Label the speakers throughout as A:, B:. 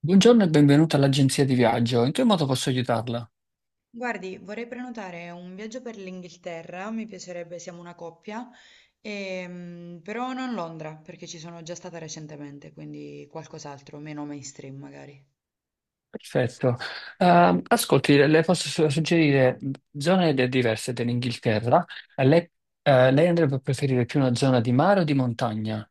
A: Buongiorno e benvenuta all'agenzia di viaggio. In che modo posso aiutarla?
B: Guardi, vorrei prenotare un viaggio per l'Inghilterra, mi piacerebbe, siamo una coppia, però non Londra, perché ci sono già stata recentemente, quindi qualcos'altro, meno mainstream magari.
A: Perfetto. Ascolti, le posso suggerire zone diverse dell'Inghilterra. Eh, Lei, lei andrebbe a preferire più una zona di mare o di montagna?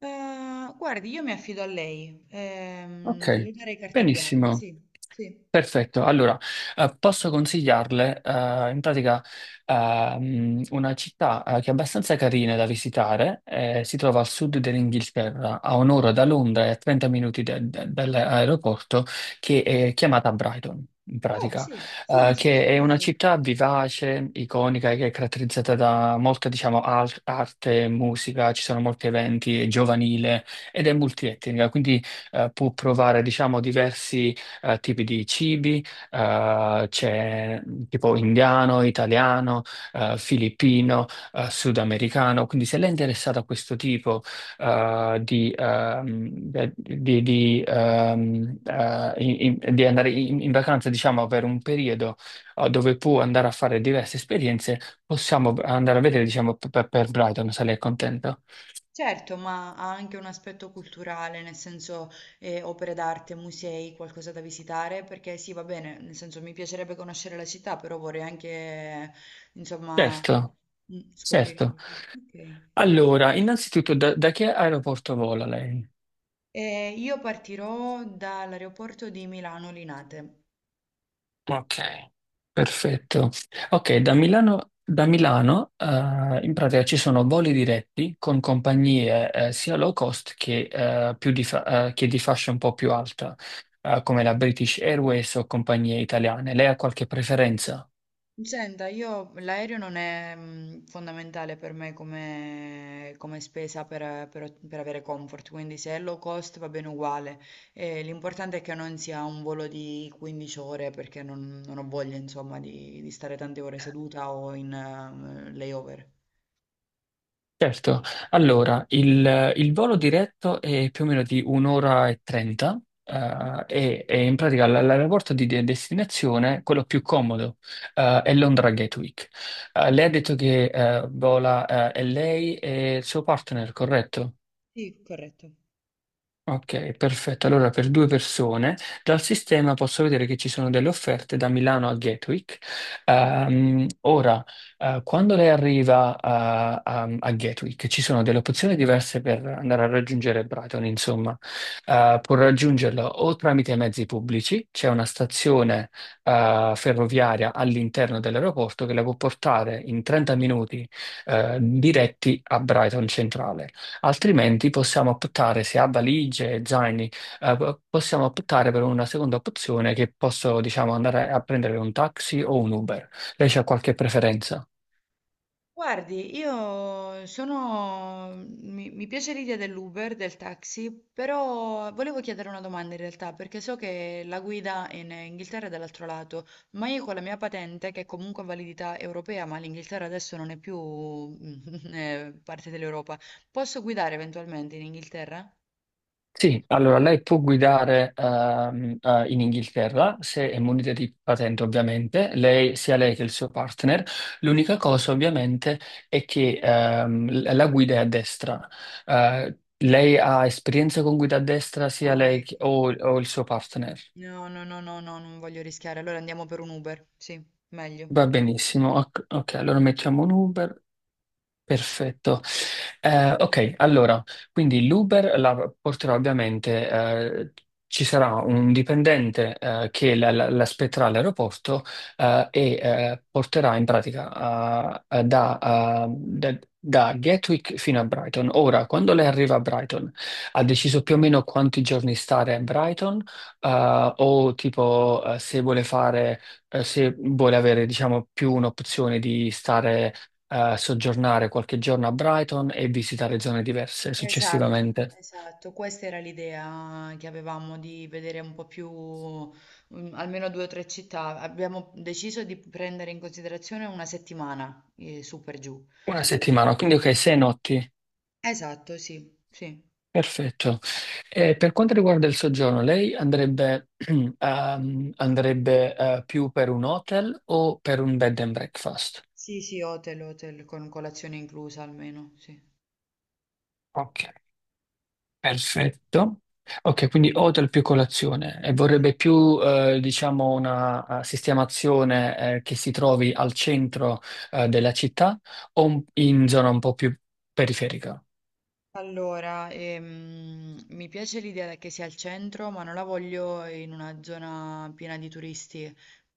B: Guardi, io mi affido a lei,
A: Ok,
B: le darei carta bianca,
A: benissimo.
B: sì, sì.
A: Perfetto, allora posso consigliarle in pratica una città che è abbastanza carina da visitare, si trova al sud dell'Inghilterra, a un'ora da Londra e a 30 minuti dall'aeroporto, che è chiamata Brighton, in
B: Oh,
A: pratica,
B: sì, sì, ne ho sentito
A: che è una
B: parlare.
A: città vivace, iconica, che è caratterizzata da molta, diciamo, arte, musica, ci sono molti eventi, è giovanile ed è multietnica. Quindi può provare, diciamo, diversi tipi di cibi, c'è tipo indiano, italiano, filippino, sudamericano. Quindi se lei è interessata a questo tipo eh, di, ehm, di, in- in- di andare in vacanza, diciamo, per un periodo dove può andare a fare diverse esperienze, possiamo andare a vedere, diciamo, per Brighton, se lei è contento.
B: Certo, ma ha anche un aspetto culturale, nel senso opere d'arte, musei, qualcosa da visitare, perché sì, va bene, nel senso mi piacerebbe conoscere la città, però vorrei anche, insomma,
A: Certo,
B: mm, scoprire.
A: certo.
B: Ok.
A: Allora, innanzitutto, da che aeroporto vola lei?
B: E io partirò dall'aeroporto di Milano Linate.
A: Ok, perfetto. Ok, da Milano in pratica ci sono voli diretti con compagnie sia low cost che, che di fascia un po' più alta, come la British Airways o compagnie italiane. Lei ha qualche preferenza?
B: Senta, io l'aereo non è fondamentale per me come, come spesa per, per avere comfort, quindi se è low cost va bene uguale. L'importante è che non sia un volo di 15 ore perché non, non ho voglia, insomma, di stare tante ore seduta o in layover.
A: Certo, allora il volo diretto è più o meno di un'ora e trenta,
B: Mhm.
A: e, in pratica l'aeroporto di destinazione, quello più comodo, è Londra Gatwick. Lei ha detto che vola, è lei e il suo partner, corretto?
B: Sì, corretto.
A: Ok, perfetto. Allora, per due persone, dal sistema posso vedere che ci sono delle offerte da Milano a Gatwick. Ora, quando lei arriva a Gatwick, ci sono delle opzioni diverse per andare a raggiungere Brighton, insomma. Può raggiungerlo o tramite mezzi pubblici. C'è una stazione ferroviaria all'interno dell'aeroporto che la può portare in 30 minuti, diretti a Brighton Centrale. Altrimenti possiamo optare, se ha valigie e zaini, possiamo optare per una seconda opzione, che posso, diciamo, andare a prendere un taxi o un Uber. Lei ha qualche preferenza?
B: Guardi, io sono... mi piace l'idea dell'Uber, del taxi, però volevo chiedere una domanda in realtà, perché so che la guida in Inghilterra è dall'altro lato, ma io con la mia patente, che è comunque a validità europea, ma l'Inghilterra adesso non è più parte dell'Europa, posso guidare eventualmente in Inghilterra?
A: Sì, allora lei può guidare, in Inghilterra, se è munita di patente ovviamente, lei, sia lei che il suo partner. L'unica
B: Mhm.
A: cosa ovviamente è che la guida è a destra. Eh, lei ha esperienza con guida a destra, sia
B: No,
A: lei
B: ecco.
A: o il suo partner?
B: No, no, no, no, no, non voglio rischiare, allora andiamo per un Uber, sì, meglio.
A: Va benissimo. Ok, ok, allora mettiamo un Uber. Perfetto. Eh, ok, allora, quindi l'Uber la porterà ovviamente, ci sarà un dipendente che l'aspetterà all'aeroporto e porterà in pratica, eh, da- da Gatwick fino a Brighton. Ora, quando lei arriva a Brighton, ha deciso più o meno quanti giorni stare a Brighton? O tipo, se vuole fare, se vuole avere, diciamo, più un'opzione di stare, soggiornare qualche giorno a Brighton e visitare zone diverse
B: Esatto,
A: successivamente.
B: esatto, questa era l'idea che avevamo di vedere un po' più, mm, almeno due o tre città. Abbiamo deciso di prendere in considerazione una settimana, su per giù.
A: Una settimana, quindi
B: Quindi,
A: ok, sei
B: sì.
A: notti.
B: Esatto, sì, sì.
A: Perfetto. E per quanto riguarda il soggiorno, lei andrebbe, più per un hotel o per un bed and breakfast?
B: Sì, sì, hotel, hotel, con colazione inclusa almeno, sì.
A: Ok, perfetto. Ok, quindi hotel più colazione, e
B: Sì.
A: vorrebbe più, diciamo, una, sistemazione, che si trovi al centro, della città, o in zona un po' più periferica?
B: Allora, mi piace l'idea che sia al centro, ma non la voglio in una zona piena di turisti.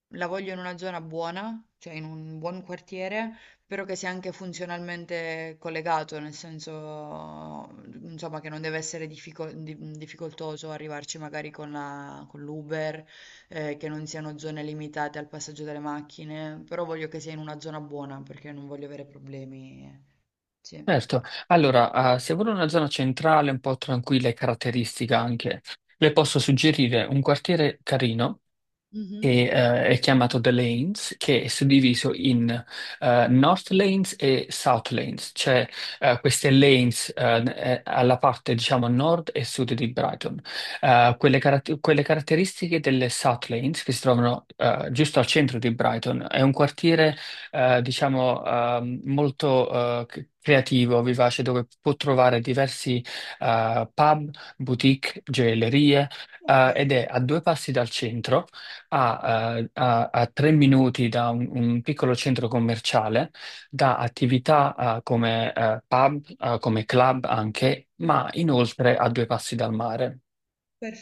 B: La voglio in una zona buona, cioè in un buon quartiere, però che sia anche funzionalmente collegato, nel senso, insomma, che non deve essere difficoltoso arrivarci magari con con l'Uber, che non siano zone limitate al passaggio delle macchine, però voglio che sia in una zona buona perché non voglio avere problemi. Sì.
A: Certo, allora, se vuole una zona centrale un po' tranquilla e caratteristica anche, le posso suggerire un quartiere carino
B: Mhm.
A: e, è chiamato The Lanes, che è suddiviso in North Lanes e South Lanes, cioè queste lanes, alla parte, diciamo, nord e sud di Brighton. Quelle caratteristiche delle South Lanes che si trovano giusto al centro di Brighton, è un quartiere diciamo, molto creativo, vivace, dove può trovare diversi pub, boutique, gioiellerie,
B: Ok.
A: ed è a due passi dal centro, a 3 minuti da un piccolo centro commerciale, da attività come pub, come club anche, ma inoltre a due passi dal mare.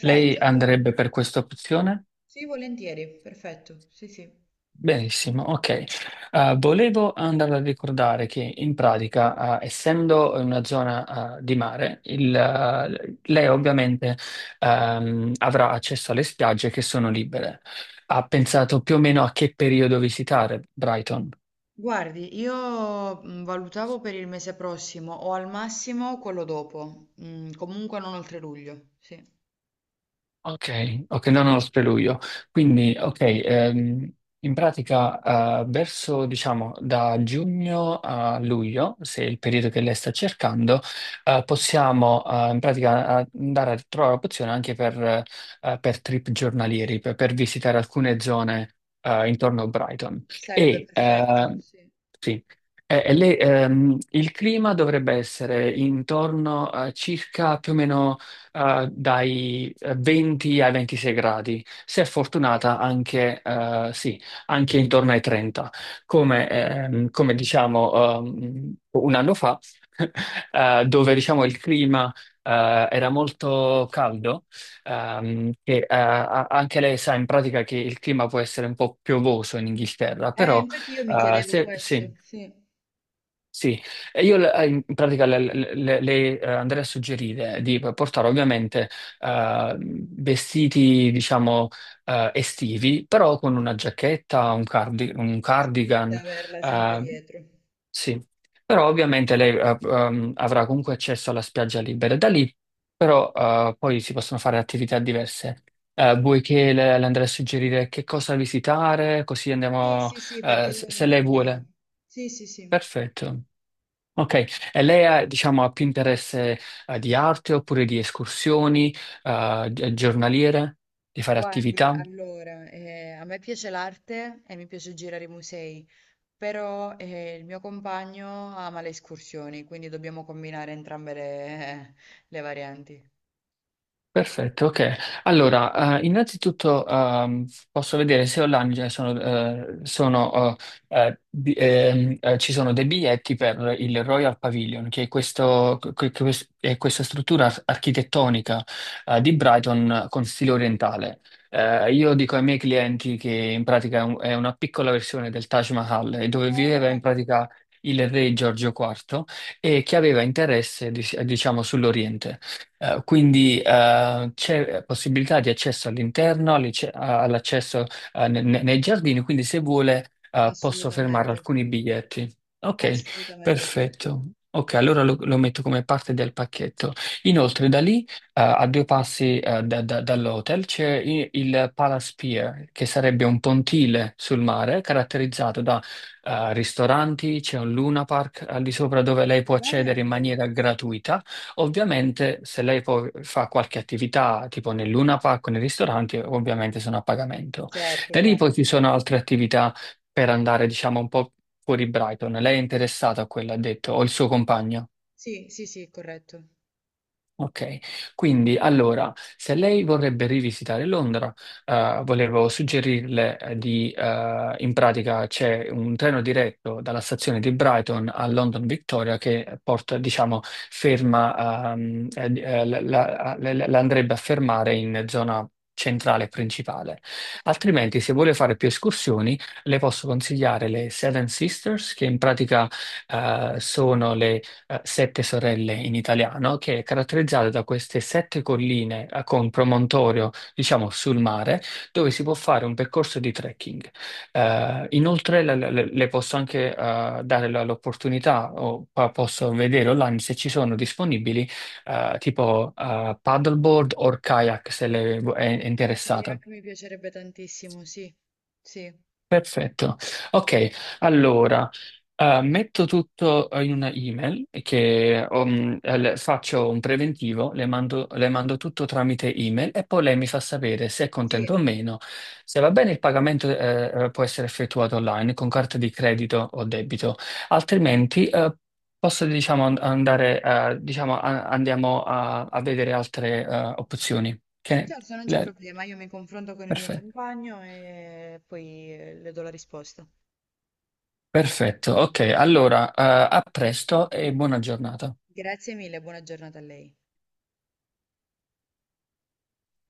A: Lei
B: allora.
A: andrebbe per questa opzione?
B: Sì, volentieri, perfetto. Sì, sì.
A: Benissimo, ok. Volevo andare a ricordare che in pratica, essendo in una zona, di mare, il, lei ovviamente, avrà accesso alle spiagge che sono libere. Ha pensato più o meno a che periodo visitare Brighton?
B: Guardi, io valutavo per il mese prossimo o al massimo quello dopo, mm, comunque non oltre luglio, sì.
A: Ok, ok, no, no, lo preludio. Quindi, ok, in pratica, verso, diciamo, da giugno a luglio, se è il periodo che lei sta cercando, possiamo, in pratica, andare a trovare opzione anche per trip giornalieri, per visitare alcune zone intorno a Brighton.
B: Sarebbe
A: E,
B: perfetto,
A: eh,
B: sì.
A: sì, e lei, il clima dovrebbe essere intorno a circa più o meno dai 20 ai 26 gradi, se è
B: Ok.
A: fortunata anche, sì, anche intorno ai 30. Come diciamo, un anno fa, dove, diciamo, il clima era molto caldo, e anche lei sa in pratica che il clima può essere un po' piovoso in Inghilterra. Però
B: Infatti io mi chiedevo
A: se, sì,
B: questo, sì.
A: sì, e io, in pratica, andrei a suggerire di portare ovviamente vestiti, diciamo, estivi, però con una giacchetta, un
B: Sì, da
A: cardigan,
B: averla sempre
A: eh,
B: dietro.
A: sì. Però ovviamente lei, avrà comunque accesso alla spiaggia libera. Da lì però poi si possono fare attività diverse. Vuoi che le andrei a suggerire che cosa visitare, così
B: Sì,
A: andiamo,
B: sì, sì, perché
A: se
B: io non ho
A: lei
B: idea.
A: vuole.
B: Sì, sì, sì.
A: Perfetto. Ok, e lei ha, diciamo, ha più interesse di arte oppure di escursioni, giornaliere, di fare
B: Guardi,
A: attività?
B: allora, a me piace l'arte e mi piace girare i musei, però il mio compagno ama le escursioni, quindi dobbiamo combinare entrambe le le varianti.
A: Perfetto, ok. Allora, innanzitutto posso vedere se online già sono, ci sono dei biglietti per il Royal Pavilion, che è, è questa struttura architettonica di Brighton con stile orientale. Io dico ai miei clienti che in pratica è è una piccola versione del Taj Mahal, dove
B: Oh, oh,
A: viveva in
B: oh,
A: pratica il re Giorgio IV, e che aveva interesse, diciamo, sull'Oriente. Quindi c'è possibilità di accesso all'interno, all'accesso nei giardini, quindi se vuole posso fermare
B: assolutamente,
A: alcuni biglietti. Ok,
B: assolutamente sì.
A: perfetto. Ok, allora lo, lo metto come parte del pacchetto. Inoltre, da lì, a due passi dall'hotel, c'è il Palace Pier, che sarebbe un pontile sul mare caratterizzato da ristoranti. C'è un Luna Park al di sopra, dove lei può accedere in
B: Stupendo.
A: maniera gratuita. Ovviamente, se lei poi fa qualche attività, tipo nel Luna Park o nei ristoranti, ovviamente sono a pagamento.
B: Certo,
A: Da lì
B: chiaro.
A: poi ci sono altre attività per andare, diciamo, un po' fuori Brighton. Lei è interessata a quella, ha detto, o il suo compagno?
B: Sì, sì, sì, corretto.
A: Ok, quindi allora, se lei vorrebbe rivisitare Londra, volevo suggerirle, in pratica c'è un treno diretto dalla stazione di Brighton a London Victoria che porta, diciamo, ferma, la, la andrebbe a fermare in zona centrale principale.
B: No, no,
A: Altrimenti, se vuole fare più escursioni, le posso consigliare le Seven Sisters, che in pratica, sono, Sette Sorelle in italiano, che è caratterizzata da queste sette colline con promontorio, diciamo, sul mare, dove si può fare un percorso di trekking. Inoltre, le posso anche dare l'opportunità, o posso vedere online se ci sono disponibili tipo paddleboard o kayak, se è interessata.
B: kayak mi piacerebbe tantissimo, sì, sì,
A: Perfetto. Ok, allora, metto tutto, in una email, che faccio un preventivo, le mando tutto tramite email e poi lei mi fa sapere se è contento o
B: sì,
A: meno. Se va bene il pagamento, può essere effettuato online con carta di credito o debito, altrimenti posso, diciamo, andare, diciamo, andiamo a, a vedere altre opzioni. Ok?
B: certo, non c'è
A: Le-
B: problema, io mi confronto con il mio
A: Perfetto.
B: compagno e poi le do la risposta.
A: Perfetto, ok, allora, a presto e buona giornata.
B: Grazie mille, buona giornata a lei.